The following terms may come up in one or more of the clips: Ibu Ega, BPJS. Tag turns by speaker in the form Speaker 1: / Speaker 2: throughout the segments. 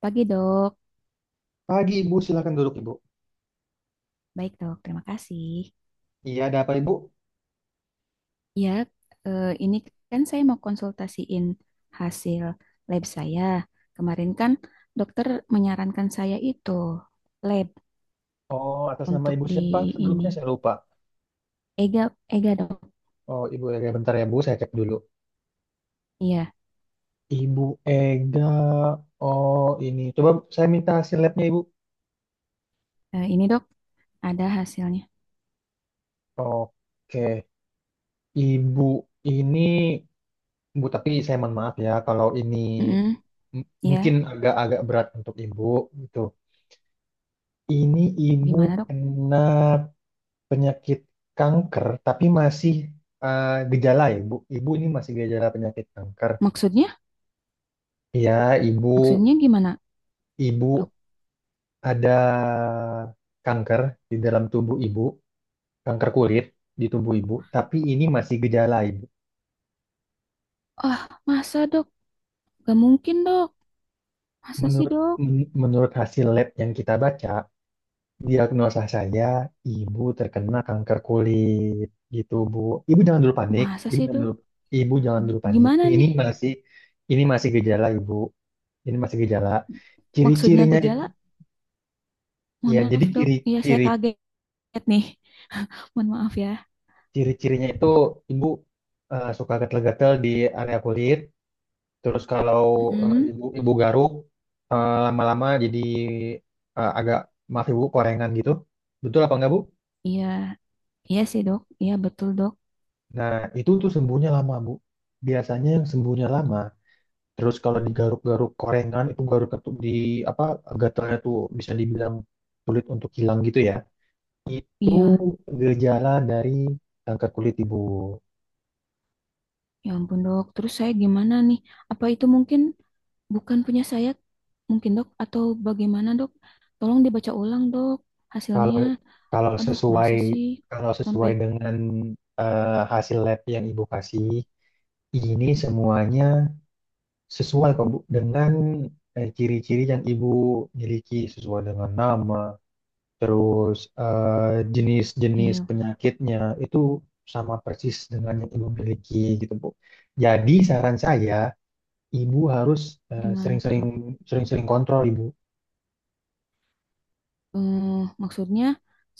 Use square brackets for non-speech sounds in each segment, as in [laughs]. Speaker 1: Pagi dok,
Speaker 2: Pagi Ibu, silakan duduk Ibu.
Speaker 1: baik dok, terima kasih.
Speaker 2: Iya, ada apa Ibu?
Speaker 1: Ya, ini kan saya mau konsultasiin hasil lab saya. Kemarin kan dokter menyarankan saya itu lab
Speaker 2: Oh, atas nama
Speaker 1: untuk
Speaker 2: Ibu
Speaker 1: di
Speaker 2: siapa?
Speaker 1: ini.
Speaker 2: Sebelumnya saya lupa.
Speaker 1: Ega, Ega dok.
Speaker 2: Oh, Ibu Ega, bentar ya Bu, saya cek dulu.
Speaker 1: Iya,
Speaker 2: Ibu Ega, oh ini. Coba saya minta hasil labnya Ibu.
Speaker 1: ini dok ada hasilnya.
Speaker 2: Oke, Ibu ini, Bu, tapi saya mohon maaf ya kalau ini
Speaker 1: Mm-mm.
Speaker 2: mungkin
Speaker 1: Iya,
Speaker 2: agak-agak berat untuk Ibu gitu. Ini Ibu
Speaker 1: gimana dok?
Speaker 2: kena penyakit kanker, tapi masih gejala ya, Bu. Ibu ini masih gejala penyakit kanker.
Speaker 1: Maksudnya,
Speaker 2: Ya, ibu
Speaker 1: maksudnya gimana dok?
Speaker 2: ibu ada kanker di dalam tubuh ibu, kanker kulit di tubuh ibu, tapi ini masih gejala ibu.
Speaker 1: Ah, masa dok? Gak mungkin dok. Masa sih
Speaker 2: Menurut
Speaker 1: dok?
Speaker 2: Menurut hasil lab yang kita baca, diagnosa saya ibu terkena kanker kulit gitu, Bu. Ibu
Speaker 1: M-
Speaker 2: jangan dulu panik,
Speaker 1: Masa sih dok?
Speaker 2: ibu jangan dulu panik.
Speaker 1: Gimana nih?
Speaker 2: Ini masih gejala, Ibu. Ini masih gejala.
Speaker 1: Maksudnya
Speaker 2: Ciri-cirinya itu
Speaker 1: gejala. Mohon
Speaker 2: ya, jadi
Speaker 1: maaf dok, iya saya
Speaker 2: ciri-ciri
Speaker 1: kaget nih. [laughs] Mohon maaf ya.
Speaker 2: Ciri-cirinya itu ibu suka gatel-gatel di area kulit. Terus kalau
Speaker 1: Mm,
Speaker 2: ibu ibu garuk lama-lama jadi agak maaf ibu korengan gitu. Betul apa enggak bu?
Speaker 1: iya, iya sih dok, iya betul dok.
Speaker 2: Nah itu tuh sembuhnya lama bu. Biasanya yang sembuhnya lama. Terus kalau digaruk-garuk korengan itu garuk tuh di apa gatalnya tuh bisa dibilang sulit untuk hilang gitu ya. Itu
Speaker 1: Iya,
Speaker 2: gejala dari kanker kulit ibu.
Speaker 1: ya ampun dok. Terus saya gimana nih? Apa itu mungkin bukan punya saya? Mungkin dok atau bagaimana dok? Tolong dibaca ulang dok
Speaker 2: Kalau
Speaker 1: hasilnya.
Speaker 2: kalau
Speaker 1: Aduh,
Speaker 2: sesuai
Speaker 1: masa sih
Speaker 2: Kalau
Speaker 1: sampai
Speaker 2: sesuai dengan hasil lab yang Ibu kasih, ini semuanya sesuai kok Bu dengan ciri-ciri yang Ibu miliki sesuai dengan nama, terus jenis-jenis
Speaker 1: iya
Speaker 2: penyakitnya itu sama persis dengan yang Ibu miliki gitu Bu. Jadi saran saya Ibu harus eh,
Speaker 1: gimana tuh
Speaker 2: sering-sering
Speaker 1: dok?
Speaker 2: sering-sering kontrol Ibu.
Speaker 1: Eh, maksudnya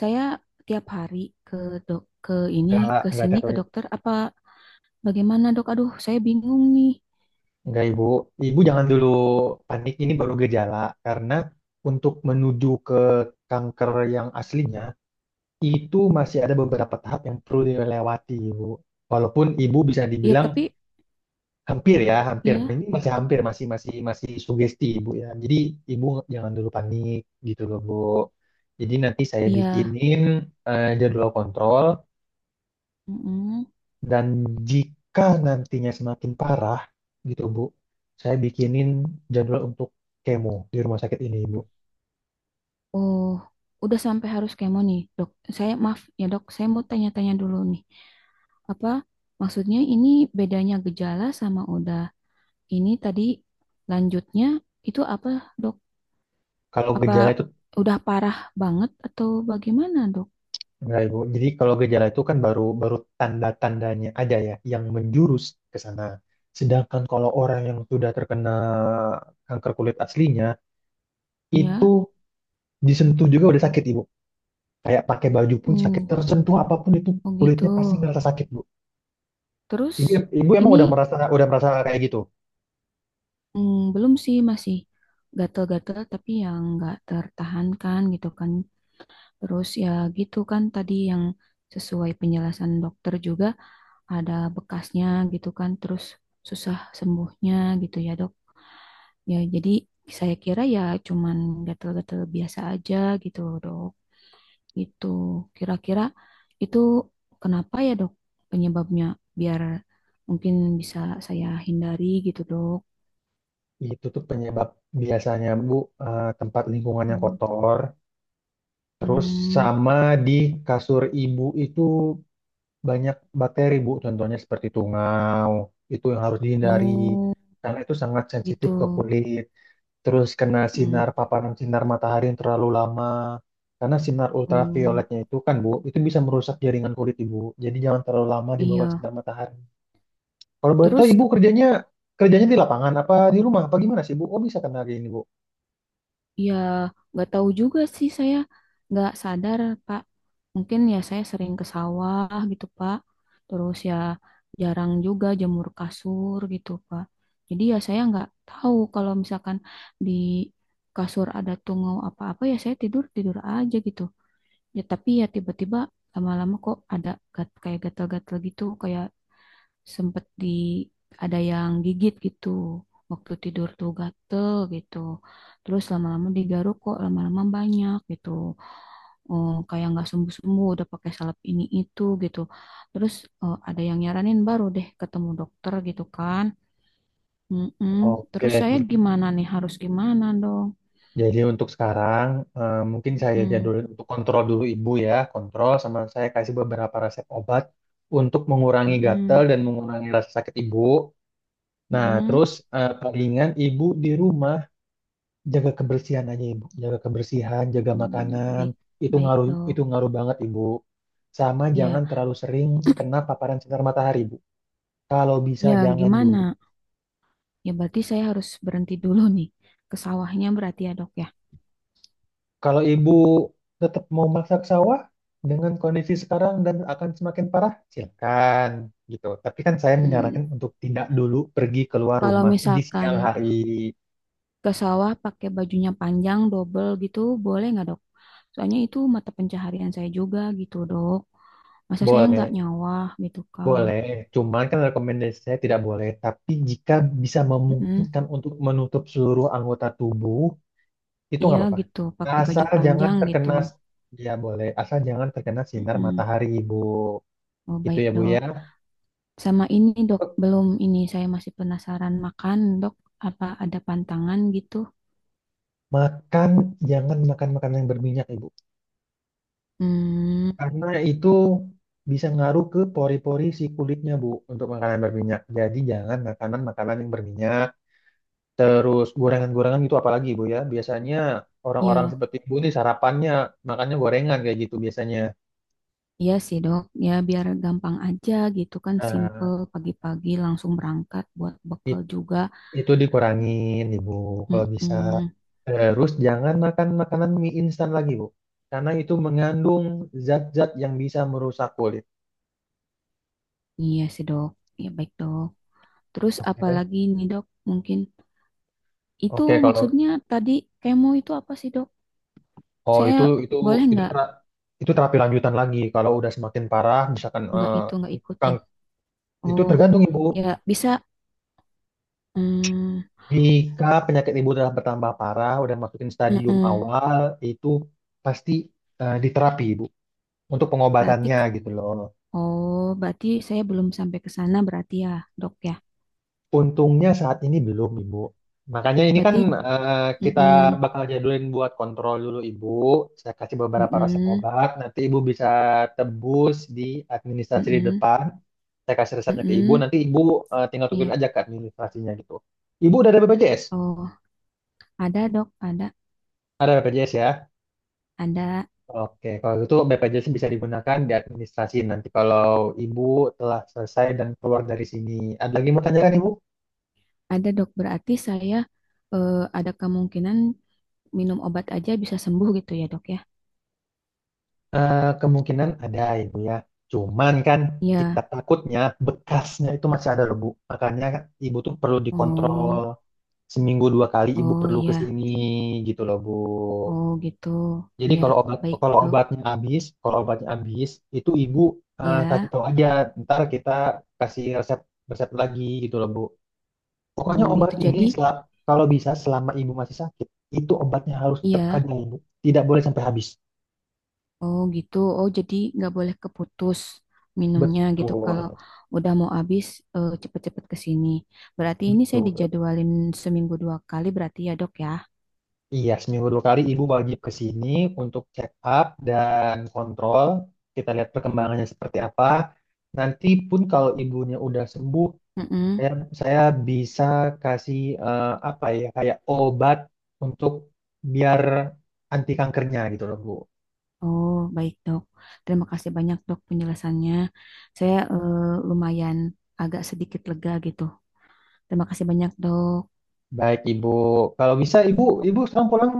Speaker 1: saya tiap hari ke dok ke ini ke
Speaker 2: Enggak
Speaker 1: sini
Speaker 2: tiap
Speaker 1: ke
Speaker 2: hari
Speaker 1: dokter apa bagaimana dok? Aduh, saya bingung nih.
Speaker 2: Enggak, Ibu. Ibu jangan dulu panik, ini baru gejala. Karena untuk menuju ke kanker yang aslinya, itu masih ada beberapa tahap yang perlu dilewati, Ibu. Walaupun Ibu bisa
Speaker 1: Iya,
Speaker 2: dibilang
Speaker 1: tapi
Speaker 2: hampir ya, hampir.
Speaker 1: iya,
Speaker 2: Ini masih hampir, masih masih masih sugesti, Ibu ya. Jadi Ibu jangan dulu panik gitu loh, Bu. Jadi nanti saya
Speaker 1: iya.
Speaker 2: bikinin jadwal kontrol.
Speaker 1: Mm-mm.
Speaker 2: Dan jika nantinya semakin parah, gitu Bu, saya bikinin jadwal untuk kemo di rumah sakit ini Ibu.
Speaker 1: Oh, udah sampai harus kemo nih, dok. Saya maaf ya dok, saya mau tanya-tanya dulu nih. Apa maksudnya ini bedanya gejala sama udah ini tadi lanjutnya itu apa dok?
Speaker 2: Kalau
Speaker 1: Apa
Speaker 2: gejala itu
Speaker 1: udah parah banget atau bagaimana dok?
Speaker 2: Enggak Ibu. Jadi kalau gejala itu kan baru baru tanda-tandanya aja ya yang menjurus ke sana. Sedangkan kalau orang yang sudah terkena kanker kulit aslinya itu
Speaker 1: Iya,
Speaker 2: disentuh juga udah sakit Ibu. Kayak pakai baju pun sakit,
Speaker 1: hmm,
Speaker 2: tersentuh apapun itu
Speaker 1: oh gitu.
Speaker 2: kulitnya pasti ngerasa sakit Bu. Ibu,
Speaker 1: Terus
Speaker 2: ibu emang
Speaker 1: ini
Speaker 2: udah merasa kayak gitu.
Speaker 1: belum sih masih gatel-gatel tapi yang nggak tertahankan gitu kan. Terus ya gitu kan tadi yang sesuai penjelasan dokter juga ada bekasnya gitu kan, terus susah sembuhnya gitu ya dok. Ya jadi saya kira ya cuman gatal-gatal biasa aja gitu loh dok. Itu kira-kira itu kenapa ya dok penyebabnya biar mungkin bisa saya hindari gitu dok.
Speaker 2: Itu tuh penyebab biasanya Bu tempat lingkungannya
Speaker 1: Hmm,
Speaker 2: kotor, terus
Speaker 1: hmm,
Speaker 2: sama di kasur ibu itu banyak bakteri Bu, contohnya seperti tungau, itu yang harus dihindari
Speaker 1: oh
Speaker 2: karena itu sangat
Speaker 1: gitu.
Speaker 2: sensitif ke kulit. Terus kena
Speaker 1: Hmm,
Speaker 2: sinar paparan sinar matahari yang terlalu lama. Karena sinar
Speaker 1: oh,
Speaker 2: ultravioletnya itu kan Bu, itu bisa merusak jaringan kulit Ibu. Jadi jangan terlalu lama di bawah
Speaker 1: iya.
Speaker 2: sinar matahari. Kalau boleh tahu
Speaker 1: Terus
Speaker 2: Ibu kerjanya Kerjanya di lapangan apa di rumah apa gimana sih Bu? Oh bisa kena kayak gini Bu?
Speaker 1: ya, nggak tahu juga sih saya nggak sadar Pak. Mungkin ya saya sering ke sawah gitu Pak. Terus ya jarang juga jemur kasur gitu Pak. Jadi ya saya nggak tahu kalau misalkan di kasur ada tungau apa-apa ya saya tidur tidur aja gitu. Ya tapi ya tiba-tiba lama-lama kok ada kayak gatal-gatal gitu kayak sempet di ada yang gigit gitu waktu tidur tuh gatel gitu terus lama-lama digaruk kok lama-lama banyak gitu. Oh, kayak nggak sembuh-sembuh udah pakai salep ini itu gitu terus ada yang nyaranin baru deh ketemu dokter gitu kan. Mm-mm. Terus
Speaker 2: Oke,
Speaker 1: saya gimana nih harus gimana dong.
Speaker 2: jadi untuk sekarang mungkin saya
Speaker 1: Mm-mm.
Speaker 2: jadulin untuk kontrol dulu ibu ya, kontrol sama saya kasih beberapa resep obat untuk mengurangi gatal
Speaker 1: Mm-mm.
Speaker 2: dan mengurangi rasa sakit ibu. Nah,
Speaker 1: Mm-mm.
Speaker 2: terus palingan ibu di rumah jaga kebersihan aja ibu, jaga kebersihan, jaga makanan,
Speaker 1: Baik, baik dok,
Speaker 2: itu ngaruh banget ibu. Sama
Speaker 1: ya,
Speaker 2: jangan terlalu sering kena paparan sinar matahari ibu. Kalau bisa
Speaker 1: ya,
Speaker 2: jangan dulu,
Speaker 1: gimana. Ya berarti saya harus berhenti dulu nih ke sawahnya berarti ya dok ya.
Speaker 2: kalau ibu tetap mau masak sawah dengan kondisi sekarang dan akan semakin parah, silakan gitu. Tapi kan saya
Speaker 1: Hmm,
Speaker 2: menyarankan untuk tidak dulu pergi keluar
Speaker 1: kalau
Speaker 2: rumah di siang
Speaker 1: misalkan
Speaker 2: hari.
Speaker 1: ke sawah pakai bajunya panjang double gitu boleh nggak dok? Soalnya itu mata pencaharian saya juga gitu dok. Masa saya nggak
Speaker 2: Boleh,
Speaker 1: nyawah gitu kan?
Speaker 2: boleh. Cuman kan rekomendasi saya tidak boleh. Tapi jika bisa
Speaker 1: Mm-mm.
Speaker 2: memungkinkan untuk menutup seluruh anggota tubuh, itu
Speaker 1: Iya
Speaker 2: nggak apa-apa.
Speaker 1: gitu pakai baju
Speaker 2: Asal jangan
Speaker 1: panjang gitu.
Speaker 2: terkena, ya boleh. Asal jangan terkena sinar
Speaker 1: Mm-mm.
Speaker 2: matahari, Ibu.
Speaker 1: Oh
Speaker 2: Itu
Speaker 1: baik
Speaker 2: ya, Bu
Speaker 1: dok.
Speaker 2: ya.
Speaker 1: Sama ini dok belum ini saya masih penasaran makan dok. Apa ada pantangan gitu?
Speaker 2: Makan, jangan makan makanan yang berminyak, Ibu.
Speaker 1: Hmm,
Speaker 2: Karena itu bisa ngaruh ke pori-pori si kulitnya, Bu, untuk makanan berminyak. Jadi jangan makanan-makanan yang berminyak, terus gorengan-gorengan itu apalagi, Bu ya. Biasanya orang-orang
Speaker 1: iya.
Speaker 2: seperti Bu ini makannya gorengan kayak gitu biasanya.
Speaker 1: Iya sih dok, ya biar gampang aja gitu kan, simple
Speaker 2: Nah,
Speaker 1: pagi-pagi langsung berangkat buat bekal
Speaker 2: it-
Speaker 1: juga.
Speaker 2: itu dikurangin, Ibu, kalau bisa.
Speaker 1: Mm-mm.
Speaker 2: Terus jangan makan makanan mie instan lagi, Bu. Karena itu mengandung zat-zat yang bisa merusak kulit.
Speaker 1: Iya sih dok, ya baik dok. Terus
Speaker 2: Oke.
Speaker 1: apalagi nih dok, mungkin itu
Speaker 2: Oke, kalau
Speaker 1: maksudnya tadi kemo itu apa sih dok?
Speaker 2: Oh
Speaker 1: Saya boleh
Speaker 2: itu itu terapi lanjutan lagi kalau udah semakin parah misalkan
Speaker 1: nggak itu nggak
Speaker 2: kang
Speaker 1: ikutin?
Speaker 2: itu
Speaker 1: Oh,
Speaker 2: tergantung ibu
Speaker 1: ya bisa. Mm,
Speaker 2: jika penyakit ibu telah bertambah parah udah masukin stadium
Speaker 1: mm-mm.
Speaker 2: awal itu pasti diterapi ibu untuk
Speaker 1: Berarti
Speaker 2: pengobatannya
Speaker 1: k-
Speaker 2: gitu loh.
Speaker 1: oh berarti saya belum sampai ke sana berarti ya dok ya.
Speaker 2: Untungnya saat ini belum, Ibu. Makanya ini kan
Speaker 1: Berarti
Speaker 2: kita
Speaker 1: mm-mm,
Speaker 2: bakal jadulin buat kontrol dulu, Ibu. Saya kasih beberapa resep
Speaker 1: mm-mm,
Speaker 2: obat, nanti Ibu bisa tebus di administrasi di
Speaker 1: mm-mm,
Speaker 2: depan. Saya kasih resepnya ke Ibu,
Speaker 1: mm-mm.
Speaker 2: nanti Ibu tinggal tukerin
Speaker 1: Iya.
Speaker 2: aja ke administrasinya gitu. Ibu udah ada BPJS?
Speaker 1: Oh, ada dok,
Speaker 2: Ada BPJS ya?
Speaker 1: ada,
Speaker 2: Oke, kalau gitu BPJS bisa digunakan di administrasi nanti kalau Ibu telah selesai dan keluar dari sini. Ada lagi yang mau tanyakan, Ibu?
Speaker 1: ada dok. Berarti saya ada kemungkinan minum obat aja bisa sembuh gitu ya dok ya?
Speaker 2: Eh, kemungkinan ada ibu ya. Cuman kan kita
Speaker 1: Iya.
Speaker 2: takutnya bekasnya itu masih ada loh Bu. Makanya ibu tuh perlu dikontrol
Speaker 1: Oh,
Speaker 2: seminggu dua kali ibu
Speaker 1: oh
Speaker 2: perlu ke
Speaker 1: iya.
Speaker 2: sini gitu loh Bu.
Speaker 1: Oh gitu.
Speaker 2: Jadi
Speaker 1: Iya, baik dok.
Speaker 2: kalau obatnya habis itu ibu kasih
Speaker 1: Ya.
Speaker 2: tahu aja. Ntar kita kasih resep resep lagi gitu loh Bu.
Speaker 1: Oh
Speaker 2: Pokoknya obat
Speaker 1: gitu.
Speaker 2: ini
Speaker 1: Jadi,
Speaker 2: kalau bisa selama ibu masih sakit itu obatnya harus tetap
Speaker 1: iya.
Speaker 2: ada ibu. Tidak boleh sampai habis.
Speaker 1: Oh gitu. Oh jadi nggak boleh keputus minumnya gitu. Kalau
Speaker 2: Betul,
Speaker 1: udah mau habis, cepet-cepet ke sini. Berarti ini saya
Speaker 2: betul.
Speaker 1: dijadwalin seminggu 2 kali berarti ya dok ya?
Speaker 2: Iya, seminggu dua kali ibu wajib ke sini untuk check up dan kontrol. Kita lihat perkembangannya seperti apa. Nanti pun kalau ibunya udah sembuh,
Speaker 1: Mm-mm.
Speaker 2: saya, saya bisa kasih apa ya, kayak obat untuk biar anti kankernya gitu loh, Bu.
Speaker 1: Oh, baik, Dok. Terima kasih banyak, Dok, penjelasannya. Saya lumayan agak sedikit lega gitu. Terima kasih banyak, Dok.
Speaker 2: Baik, Ibu. Kalau bisa, Ibu, Ibu sekarang pulang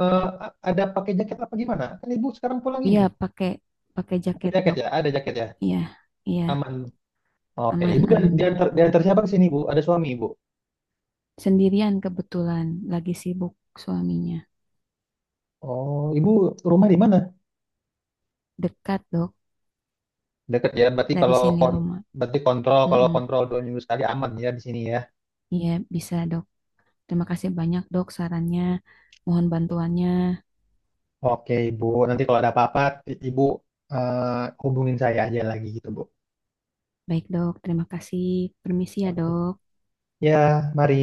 Speaker 2: eh, ada pakai jaket apa gimana? Kan Ibu sekarang pulang
Speaker 1: Iya,
Speaker 2: ini.
Speaker 1: pakai pakai
Speaker 2: Pakai
Speaker 1: jaket,
Speaker 2: jaket
Speaker 1: Dok.
Speaker 2: ya? Ada jaket ya?
Speaker 1: Iya, iya,
Speaker 2: Aman. Oke, Ibu
Speaker 1: aman,
Speaker 2: dan
Speaker 1: aman, Dok.
Speaker 2: diantar siapa ke sini, Bu? Ada suami, Ibu?
Speaker 1: Sendirian kebetulan, lagi sibuk suaminya.
Speaker 2: Oh, ibu rumah di mana?
Speaker 1: Dekat, Dok,
Speaker 2: Dekat ya, berarti
Speaker 1: dari
Speaker 2: kalau
Speaker 1: sini
Speaker 2: kon
Speaker 1: rumah.
Speaker 2: Berarti kontrol kalau
Speaker 1: Mm-mm.
Speaker 2: kontrol dua minggu sekali aman ya di sini ya.
Speaker 1: Iya, bisa, Dok. Terima kasih banyak, Dok, sarannya. Mohon bantuannya.
Speaker 2: Oke, ibu. Nanti kalau ada apa-apa, ibu hubungin saya aja lagi gitu, bu.
Speaker 1: Baik, Dok. Terima kasih. Permisi ya,
Speaker 2: Oke.
Speaker 1: Dok.
Speaker 2: Ya, mari.